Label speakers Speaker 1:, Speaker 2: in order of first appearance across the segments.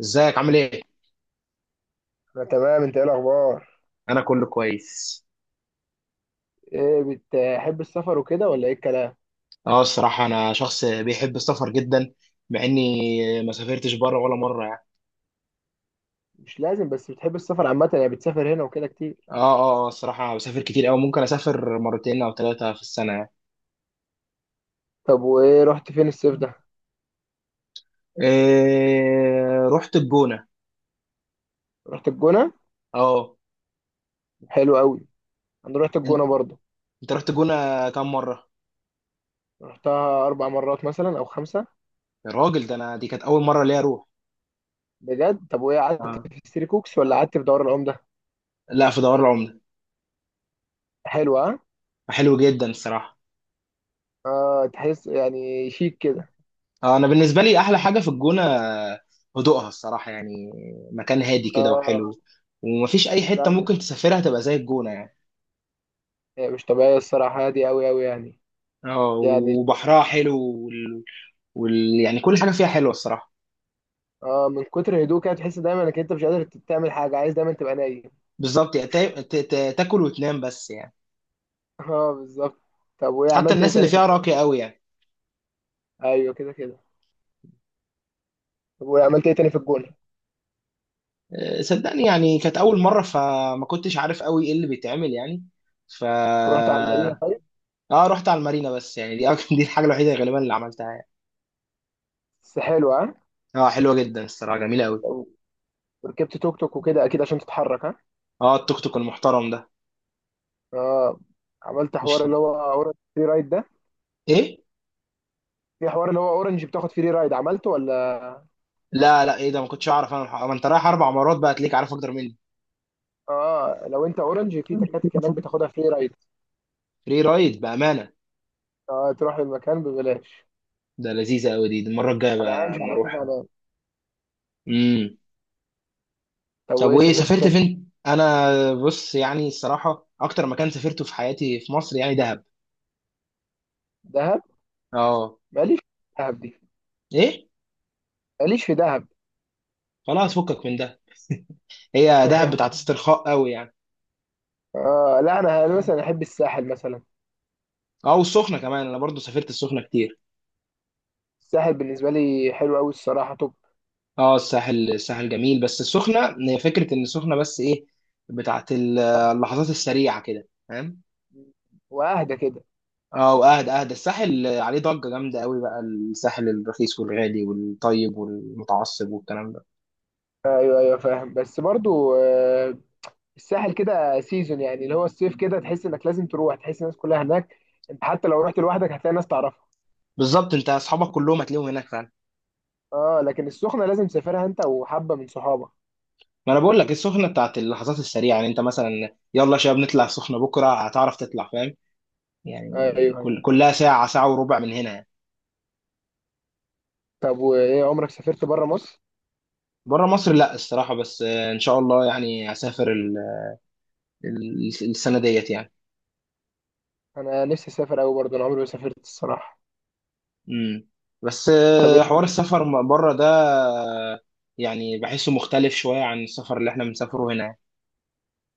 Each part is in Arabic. Speaker 1: ازيك عامل ايه؟
Speaker 2: انا تمام، انت ايه الاخبار؟
Speaker 1: انا كله كويس.
Speaker 2: ايه. بتحب السفر وكده ولا ايه الكلام؟
Speaker 1: اه، الصراحة انا شخص بيحب السفر جدا. مع اني ما سافرتش بره ولا مرة، يعني.
Speaker 2: مش لازم، بس بتحب السفر عامه يعني، بتسافر هنا وكده كتير؟
Speaker 1: اه، اه، اه، الصراحة أنا بسافر كتير اوي. ممكن اسافر مرتين او ثلاثة في السنة، يعني.
Speaker 2: طب وايه، رحت فين الصيف ده؟
Speaker 1: إيه، رحت الجونة.
Speaker 2: رحت الجونه؟
Speaker 1: اه.
Speaker 2: حلو قوي. انا رحت
Speaker 1: انت
Speaker 2: الجونه برضه.
Speaker 1: انت رحت الجونة كام مرة؟
Speaker 2: رحتها 4 مرات مثلا او 5.
Speaker 1: يا راجل، ده انا دي كانت اول مرة ليا اروح.
Speaker 2: بجد؟ طب وايه، قعدت
Speaker 1: آه.
Speaker 2: في ستري كوكس ولا قعدت في دوار العمده؟
Speaker 1: لا، في دوار العملة.
Speaker 2: حلوه ها؟
Speaker 1: حلو جدا الصراحة.
Speaker 2: اه، تحس يعني شيك كده.
Speaker 1: اه، انا بالنسبه لي احلى حاجه في الجونه هدوءها الصراحه، يعني. مكان هادي كده
Speaker 2: اه.
Speaker 1: وحلو. ومفيش اي
Speaker 2: ده،
Speaker 1: حته ممكن تسافرها تبقى زي الجونه، يعني.
Speaker 2: مش طبيعيه الصراحه، هادي قوي قوي يعني.
Speaker 1: اه،
Speaker 2: يعني.
Speaker 1: وبحرها حلو. وال... يعني كل حاجه فيها حلوه الصراحه.
Speaker 2: اه، من كتر هدوء كده تحس دايما انك انت مش قادر تعمل حاجه، عايز دايما تبقى نايم.
Speaker 1: بالظبط، يعني تاكل وتنام بس، يعني.
Speaker 2: اه، بالظبط. طب وايه
Speaker 1: حتى
Speaker 2: عملت ايه
Speaker 1: الناس اللي
Speaker 2: تاني في
Speaker 1: فيها
Speaker 2: الجونة؟
Speaker 1: راقيه قوي، يعني.
Speaker 2: ايوه كده كده. طب وايه، عملت ايه تاني في الجونه؟
Speaker 1: صدقني، يعني كانت اول مره فما كنتش عارف قوي ايه اللي بيتعمل، يعني. ف
Speaker 2: رحت على المارينا طيب؟
Speaker 1: اه رحت على المارينا، بس يعني دي الحاجه الوحيده غالبا اللي عملتها، يعني.
Speaker 2: بس حلو، ها؟
Speaker 1: اه، حلوه جدا الصراحه، جميله قوي.
Speaker 2: طب، ركبت توك توك وكده اكيد عشان تتحرك، ها؟
Speaker 1: اه، التوك توك المحترم ده.
Speaker 2: اه. عملت حوار
Speaker 1: مش.
Speaker 2: اللي هو اورنج فري رايد ده؟
Speaker 1: ايه؟
Speaker 2: في حوار اللي هو اورنج بتاخد فري رايد، عملته ولا؟
Speaker 1: لا، لا، ايه ده، ما كنتش اعرف انا الحق. ما انت رايح 4 مرات بقى هتلاقيك عارف اكتر مني.
Speaker 2: اه، لو انت اورنج في تكاتك هناك بتاخدها فري رايد.
Speaker 1: فري رايد، بامانه.
Speaker 2: اه، تروح المكان ببلاش.
Speaker 1: ده لذيذه قوي. دي المره الجايه
Speaker 2: انا
Speaker 1: بقى
Speaker 2: عايش
Speaker 1: اما
Speaker 2: على كده
Speaker 1: اروح.
Speaker 2: انا.
Speaker 1: امم
Speaker 2: طب
Speaker 1: طب
Speaker 2: وايه،
Speaker 1: وايه
Speaker 2: سافرت
Speaker 1: سافرت
Speaker 2: تاني؟
Speaker 1: فين انا؟ بص، يعني الصراحه اكتر مكان سافرته في حياتي في مصر يعني دهب.
Speaker 2: دهب؟
Speaker 1: اه.
Speaker 2: ماليش في دهب دي.
Speaker 1: ايه؟
Speaker 2: ماليش في دهب.
Speaker 1: خلاص، فكك من ده. هي دهب بتاعت استرخاء قوي، يعني.
Speaker 2: اه، لا، انا مثلا احب الساحل مثلا.
Speaker 1: اه، والسخنه كمان انا برضو سافرت السخنه كتير.
Speaker 2: الساحل بالنسبة لي حلو أوي الصراحة. طب.
Speaker 1: اه، الساحل الساحل جميل، بس السخنه هي فكره ان السخنه بس ايه، بتاعت اللحظات السريعه كده، فاهم؟
Speaker 2: وأهدى كده.
Speaker 1: اه، واهدى. اهدى الساحل عليه ضجه جامده قوي بقى. الساحل الرخيص والغالي والطيب والمتعصب والكلام ده.
Speaker 2: أيوه أيوه، فاهم، بس برضو الساحل كده سيزون يعني، اللي هو الصيف كده، تحس إنك لازم تروح، تحس الناس كلها هناك. أنت حتى لو رحت لوحدك هتلاقي ناس تعرفها.
Speaker 1: بالظبط، انت اصحابك كلهم هتلاقيهم هناك فعلا.
Speaker 2: أه، لكن السخنة لازم تسافرها أنت وحبة من صحابك.
Speaker 1: ما انا بقول لك السخنه بتاعت اللحظات السريعه، يعني انت مثلا، يلا يا شباب نطلع السخنه بكره، هتعرف تطلع فاهم.
Speaker 2: أيوه
Speaker 1: يعني.
Speaker 2: أيوه.
Speaker 1: كلها ساعه ساعه وربع من هنا، يعني.
Speaker 2: طب وإيه، عمرك سافرت بره مصر؟
Speaker 1: بره مصر، لا الصراحه. بس ان شاء الله يعني هسافر السنه ديت، يعني.
Speaker 2: أنا نفسي أسافر أوي برضو، أنا عمري ما سافرت الصراحة.
Speaker 1: امم بس
Speaker 2: طب إيه؟
Speaker 1: حوار السفر بره ده، يعني بحسه مختلف شوية عن السفر اللي احنا بنسافره هنا.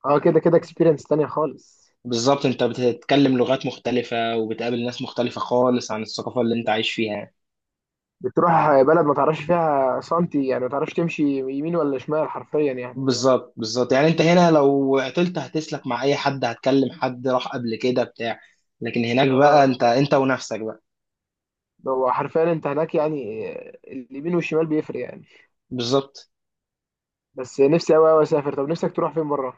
Speaker 2: أه كده كده، إكسبيرينس تانية خالص.
Speaker 1: بالظبط، انت بتتكلم لغات مختلفة وبتقابل ناس مختلفة خالص عن الثقافة اللي انت عايش فيها.
Speaker 2: بتروح بلد ما تعرفش فيها سنتي يعني، ما تعرفش تمشي يمين ولا شمال حرفيا يعني.
Speaker 1: بالظبط، بالظبط، يعني انت هنا لو عطلت هتسلك مع اي حد، هتكلم حد راح قبل كده بتاع. لكن هناك بقى
Speaker 2: آه.
Speaker 1: انت ونفسك بقى.
Speaker 2: ده هو حرفيا انت هناك يعني، اليمين والشمال بيفرق يعني.
Speaker 1: بالظبط.
Speaker 2: بس نفسي قوي قوي اسافر. طب نفسك تروح فين بره؟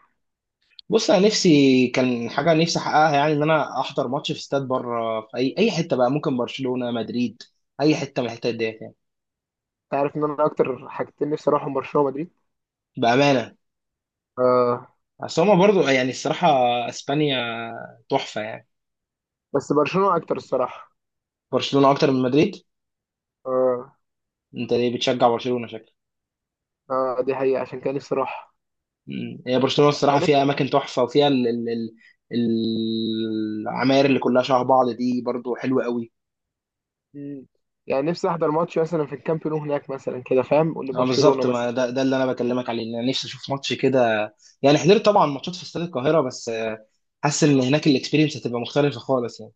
Speaker 1: بص، انا نفسي كان حاجة نفسي احققها يعني ان انا احضر ماتش في استاد بره في اي حتة بقى، ممكن برشلونة، مدريد. اي حتة من الحتت دي.
Speaker 2: انت عارف ان انا اكتر حاجتين نفسي اروحهم برشلونه ومدريد.
Speaker 1: بأمانة.
Speaker 2: آه.
Speaker 1: اصل هما برضو يعني الصراحة، اسبانيا، تحفة يعني.
Speaker 2: بس برشلونه اكتر الصراحه.
Speaker 1: برشلونة اكتر من مدريد.
Speaker 2: آه.
Speaker 1: انت ليه بتشجع برشلونة، شكلك؟
Speaker 2: آه، دي حقيقه عشان كان نفسي اروح.
Speaker 1: مم. هي برشلونة الصراحة
Speaker 2: يعني.
Speaker 1: فيها اماكن تحفة، وفيها ال ال ال العماير اللي كلها شبه بعض دي برضو حلوة قوي.
Speaker 2: نفسي يعني نفسي احضر ماتش مثلا في الكامب نو هناك مثلا كده، فاهم؟
Speaker 1: اه
Speaker 2: لبرشلونه
Speaker 1: بالظبط، ما
Speaker 2: مثلا.
Speaker 1: ده اللي انا بكلمك عليه، ان انا نفسي اشوف ماتش كده. يعني حضرت طبعا ماتشات في استاد القاهرة، بس حاسس ان هناك الاكسبيرينس هتبقى مختلفة خالص، يعني.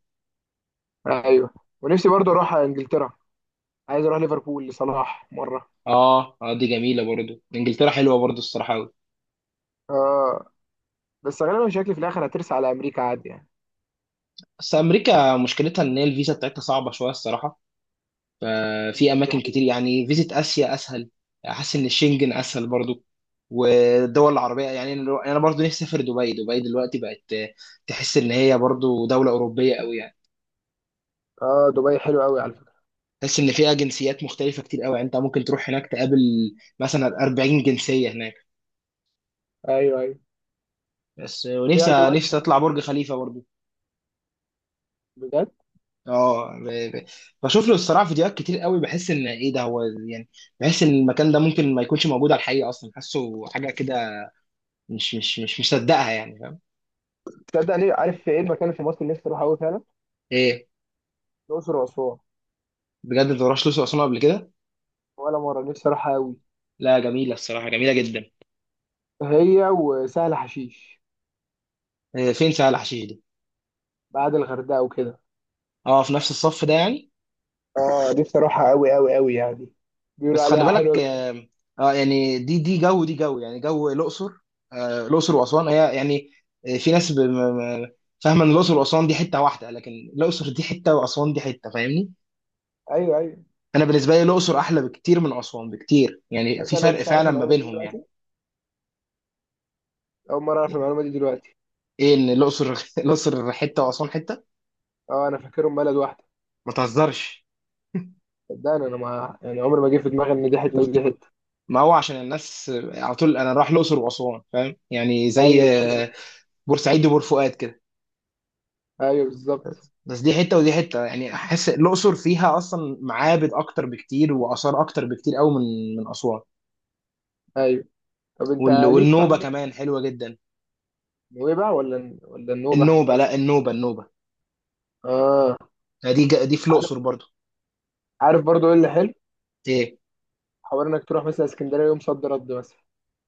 Speaker 2: آه ايوه. ونفسي برضه اروح على انجلترا. عايز اروح ليفربول لصلاح مره.
Speaker 1: اه، اه، دي جميلة برضو، انجلترا حلوة برضو الصراحة قوي.
Speaker 2: آه. بس غالبا شكلي في الاخر هترسى على امريكا عادي يعني.
Speaker 1: بس امريكا مشكلتها ان هي الفيزا بتاعتها صعبة شوية الصراحة. ففي
Speaker 2: مم، دي
Speaker 1: اماكن
Speaker 2: حقيقة.
Speaker 1: كتير، يعني فيزيت اسيا اسهل. حاسس ان الشنجن اسهل برضو. والدول العربيه، يعني انا برضو نفسي اسافر دبي. دبي دلوقتي بقت تحس ان هي برضو دوله اوروبيه قوي، يعني.
Speaker 2: اه، دبي حلو قوي على فكره.
Speaker 1: تحس ان فيها جنسيات مختلفه كتير قوي، يعني انت ممكن تروح هناك تقابل مثلا 40 جنسيه هناك.
Speaker 2: ايوه ايوه.
Speaker 1: بس
Speaker 2: فيها
Speaker 1: ونفسي
Speaker 2: دول
Speaker 1: نفسي
Speaker 2: حلوة.
Speaker 1: اطلع برج خليفه برضو.
Speaker 2: بجد.
Speaker 1: اه. بشوف له الصراحه فيديوهات كتير قوي، بحس ان ايه ده هو، يعني. بحس ان المكان ده ممكن ما يكونش موجود على الحقيقه اصلا، حاسه حاجه كده، مش مصدقها، يعني.
Speaker 2: تصدق ليه، عارف في ايه المكان اللي في مصر اللي نفسي اروح قوي فعلا؟
Speaker 1: ايه؟
Speaker 2: الاقصر واسوان.
Speaker 1: بجد، انت ما رحتش الاقصر واسوان قبل كده؟
Speaker 2: ولا مره، نفسي اروح قوي.
Speaker 1: لا، جميله الصراحه، جميله جدا.
Speaker 2: هي وسهل حشيش.
Speaker 1: إيه، فين سهل حشيش دي؟
Speaker 2: بعد الغردقه وكده.
Speaker 1: اه، في نفس الصف ده، يعني.
Speaker 2: اه، نفسي اروحها قوي قوي قوي يعني. بيقولوا
Speaker 1: بس خلي
Speaker 2: عليها
Speaker 1: بالك،
Speaker 2: حلوه.
Speaker 1: اه. يعني دي جو، دي جو يعني جو الاقصر. الاقصر واسوان هي، يعني. في ناس فاهمه ان الاقصر واسوان دي حته واحده، لكن الاقصر دي حته واسوان دي حته، فاهمني؟
Speaker 2: ايوه ايوه.
Speaker 1: انا بالنسبه لي الاقصر احلى بكتير من اسوان بكتير، يعني
Speaker 2: تصدق،
Speaker 1: في
Speaker 2: انا
Speaker 1: فرق
Speaker 2: لسه عارف
Speaker 1: فعلا ما
Speaker 2: المعلومه دي
Speaker 1: بينهم، يعني.
Speaker 2: دلوقتي. اول مره اعرف المعلومه دي دلوقتي.
Speaker 1: ايه، ان الاقصر الاقصر حته واسوان حته.
Speaker 2: اه، انا فاكرهم بلد واحده.
Speaker 1: ما تهزرش.
Speaker 2: صدقني، انا ما يعني عمري ما جه في دماغي ان دي حته ودي حته.
Speaker 1: ما هو عشان الناس على طول انا رايح الاقصر واسوان فاهم، يعني زي
Speaker 2: ايوه بالظبط.
Speaker 1: بورسعيد وبور فؤاد كده.
Speaker 2: ايوه بالظبط.
Speaker 1: بس دي حته ودي حته، يعني احس الاقصر فيها اصلا معابد اكتر بكتير واثار اكتر بكتير قوي من اسوان.
Speaker 2: ايوه. طب انت ليك في
Speaker 1: والنوبه
Speaker 2: حوار.
Speaker 1: كمان حلوه جدا.
Speaker 2: النوبه ولا النوبه؟
Speaker 1: النوبه، لا، النوبه، النوبه.
Speaker 2: اه.
Speaker 1: دي في
Speaker 2: عارف.
Speaker 1: الاقصر برضو.
Speaker 2: عارف برضو ايه اللي حلو؟
Speaker 1: ايه؟
Speaker 2: حوار انك تروح مثلا اسكندريه يوم صد رد مثلا.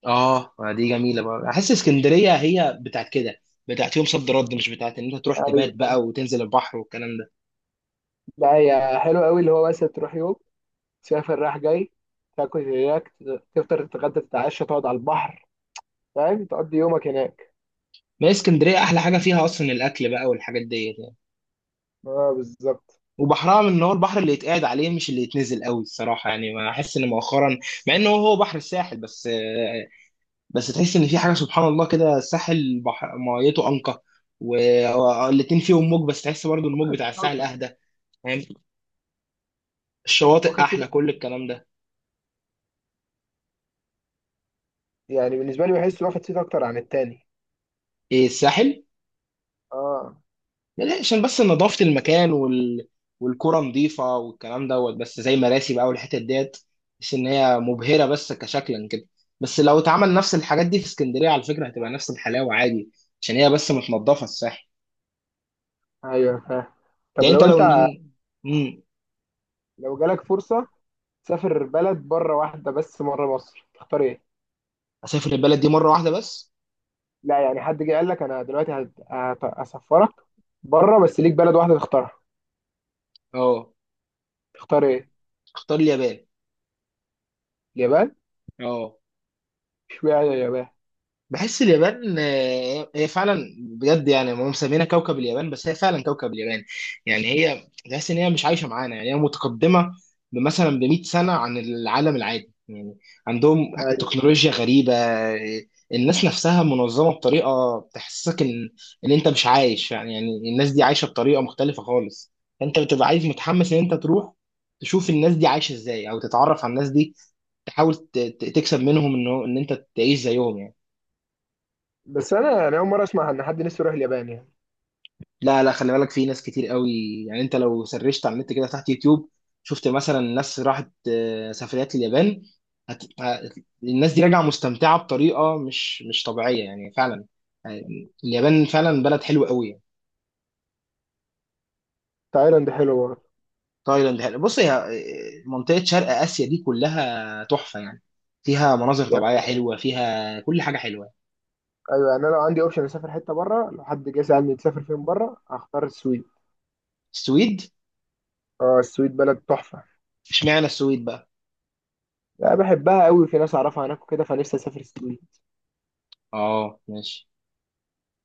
Speaker 1: اه، ما دي جميله بقى. احس اسكندريه هي بتاعت كده، بتاعت يوم صد رد، مش بتاعت ان انت تروح
Speaker 2: ايوه.
Speaker 1: تبات بقى وتنزل البحر والكلام ده.
Speaker 2: لا، هي حلو قوي، اللي هو مثلا تروح يوم، تسافر رايح جاي، تاكل هناك، تفطر، تتغدى، تتعشى، تقعد على البحر، فاهم؟ تقضي يومك هناك.
Speaker 1: ما هي اسكندريه احلى حاجه فيها اصلا الاكل بقى والحاجات دي.
Speaker 2: اه بالظبط.
Speaker 1: وبحرها ان هو البحر اللي يتقعد عليه، مش اللي يتنزل قوي الصراحه، يعني ما احس ان مؤخرا، مع انه هو بحر الساحل بس، بس تحس ان في حاجه سبحان الله كده، الساحل بحر ميته انقى. والاتنين فيهم موج، بس تحس برضو الموج بتاع الساحل
Speaker 2: أكتر.
Speaker 1: اهدى. فاهم؟ الشواطئ
Speaker 2: واخد سيت.
Speaker 1: احلى، كل الكلام ده.
Speaker 2: يعني بالنسبه لي بحس واخد سيت اكتر عن التاني.
Speaker 1: ايه، الساحل؟
Speaker 2: اه.
Speaker 1: لا، عشان بس نظافة المكان، والكرة نظيفة والكلام دوت، بس زي مراسي بقى والحتت ديت، بس إن هي مبهرة بس كشكلا كده. بس لو اتعمل نفس الحاجات دي في اسكندرية على فكرة هتبقى نفس الحلاوة عادي. عشان هي بس متنضفة الساحل.
Speaker 2: ايوه فاهم. طب
Speaker 1: يعني أنت لو، امم
Speaker 2: لو جالك فرصه تسافر بلد بره واحده بس مره مصر، تختار ايه؟
Speaker 1: أسافر البلد دي مرة واحدة بس.
Speaker 2: لا يعني، حد جه قال لك انا دلوقتي هسفرك بره، بس ليك بلد واحده تختارها.
Speaker 1: أه.
Speaker 2: تختار ايه؟
Speaker 1: اختار اليابان.
Speaker 2: اليابان؟
Speaker 1: أه.
Speaker 2: اشمعنى اليابان؟
Speaker 1: بحس اليابان هي فعلا بجد، يعني هم مسمينها كوكب اليابان، بس هي فعلا كوكب اليابان. يعني هي تحس ان هي مش عايشه معانا، يعني هي متقدمه مثلا ب 100 سنه عن العالم العادي، يعني. عندهم
Speaker 2: ايوه.
Speaker 1: تكنولوجيا غريبه. الناس نفسها منظمه بطريقه تحسسك ان انت مش عايش، يعني الناس دي عايشه بطريقه مختلفه خالص. فانت بتبقى عايز متحمس ان انت تروح تشوف الناس دي عايشه ازاي، او تتعرف على الناس دي، تحاول تكسب منهم انه ان انت تعيش زيهم، يعني.
Speaker 2: بس انا اول مره اسمع ان حد نفسه يروح اليابان يعني.
Speaker 1: لا، لا، خلي بالك في ناس كتير قوي. يعني انت لو سرشت على النت كده تحت يوتيوب، شفت مثلا ناس راحت سفريات اليابان، هت... ه- الناس دي راجعه مستمتعه بطريقه مش طبيعيه يعني فعلا. يعني اليابان فعلا بلد حلو قوي، يعني.
Speaker 2: تايلاند حلو برضه.
Speaker 1: تايلاند حلو. بص، هي منطقه شرق اسيا دي كلها تحفه، يعني. فيها مناظر طبيعيه
Speaker 2: يعني.
Speaker 1: حلوه، فيها كل حاجه حلوه.
Speaker 2: ايوه يعني انا لو عندي اوبشن اسافر حته بره، لو حد جه سالني تسافر فين بره، هختار السويد.
Speaker 1: السويد؟
Speaker 2: اه، السويد بلد تحفه.
Speaker 1: اشمعنى السويد بقى؟
Speaker 2: انا بحبها قوي، في ناس اعرفها هناك وكده، فنفسي اسافر السويد.
Speaker 1: اه، ماشي.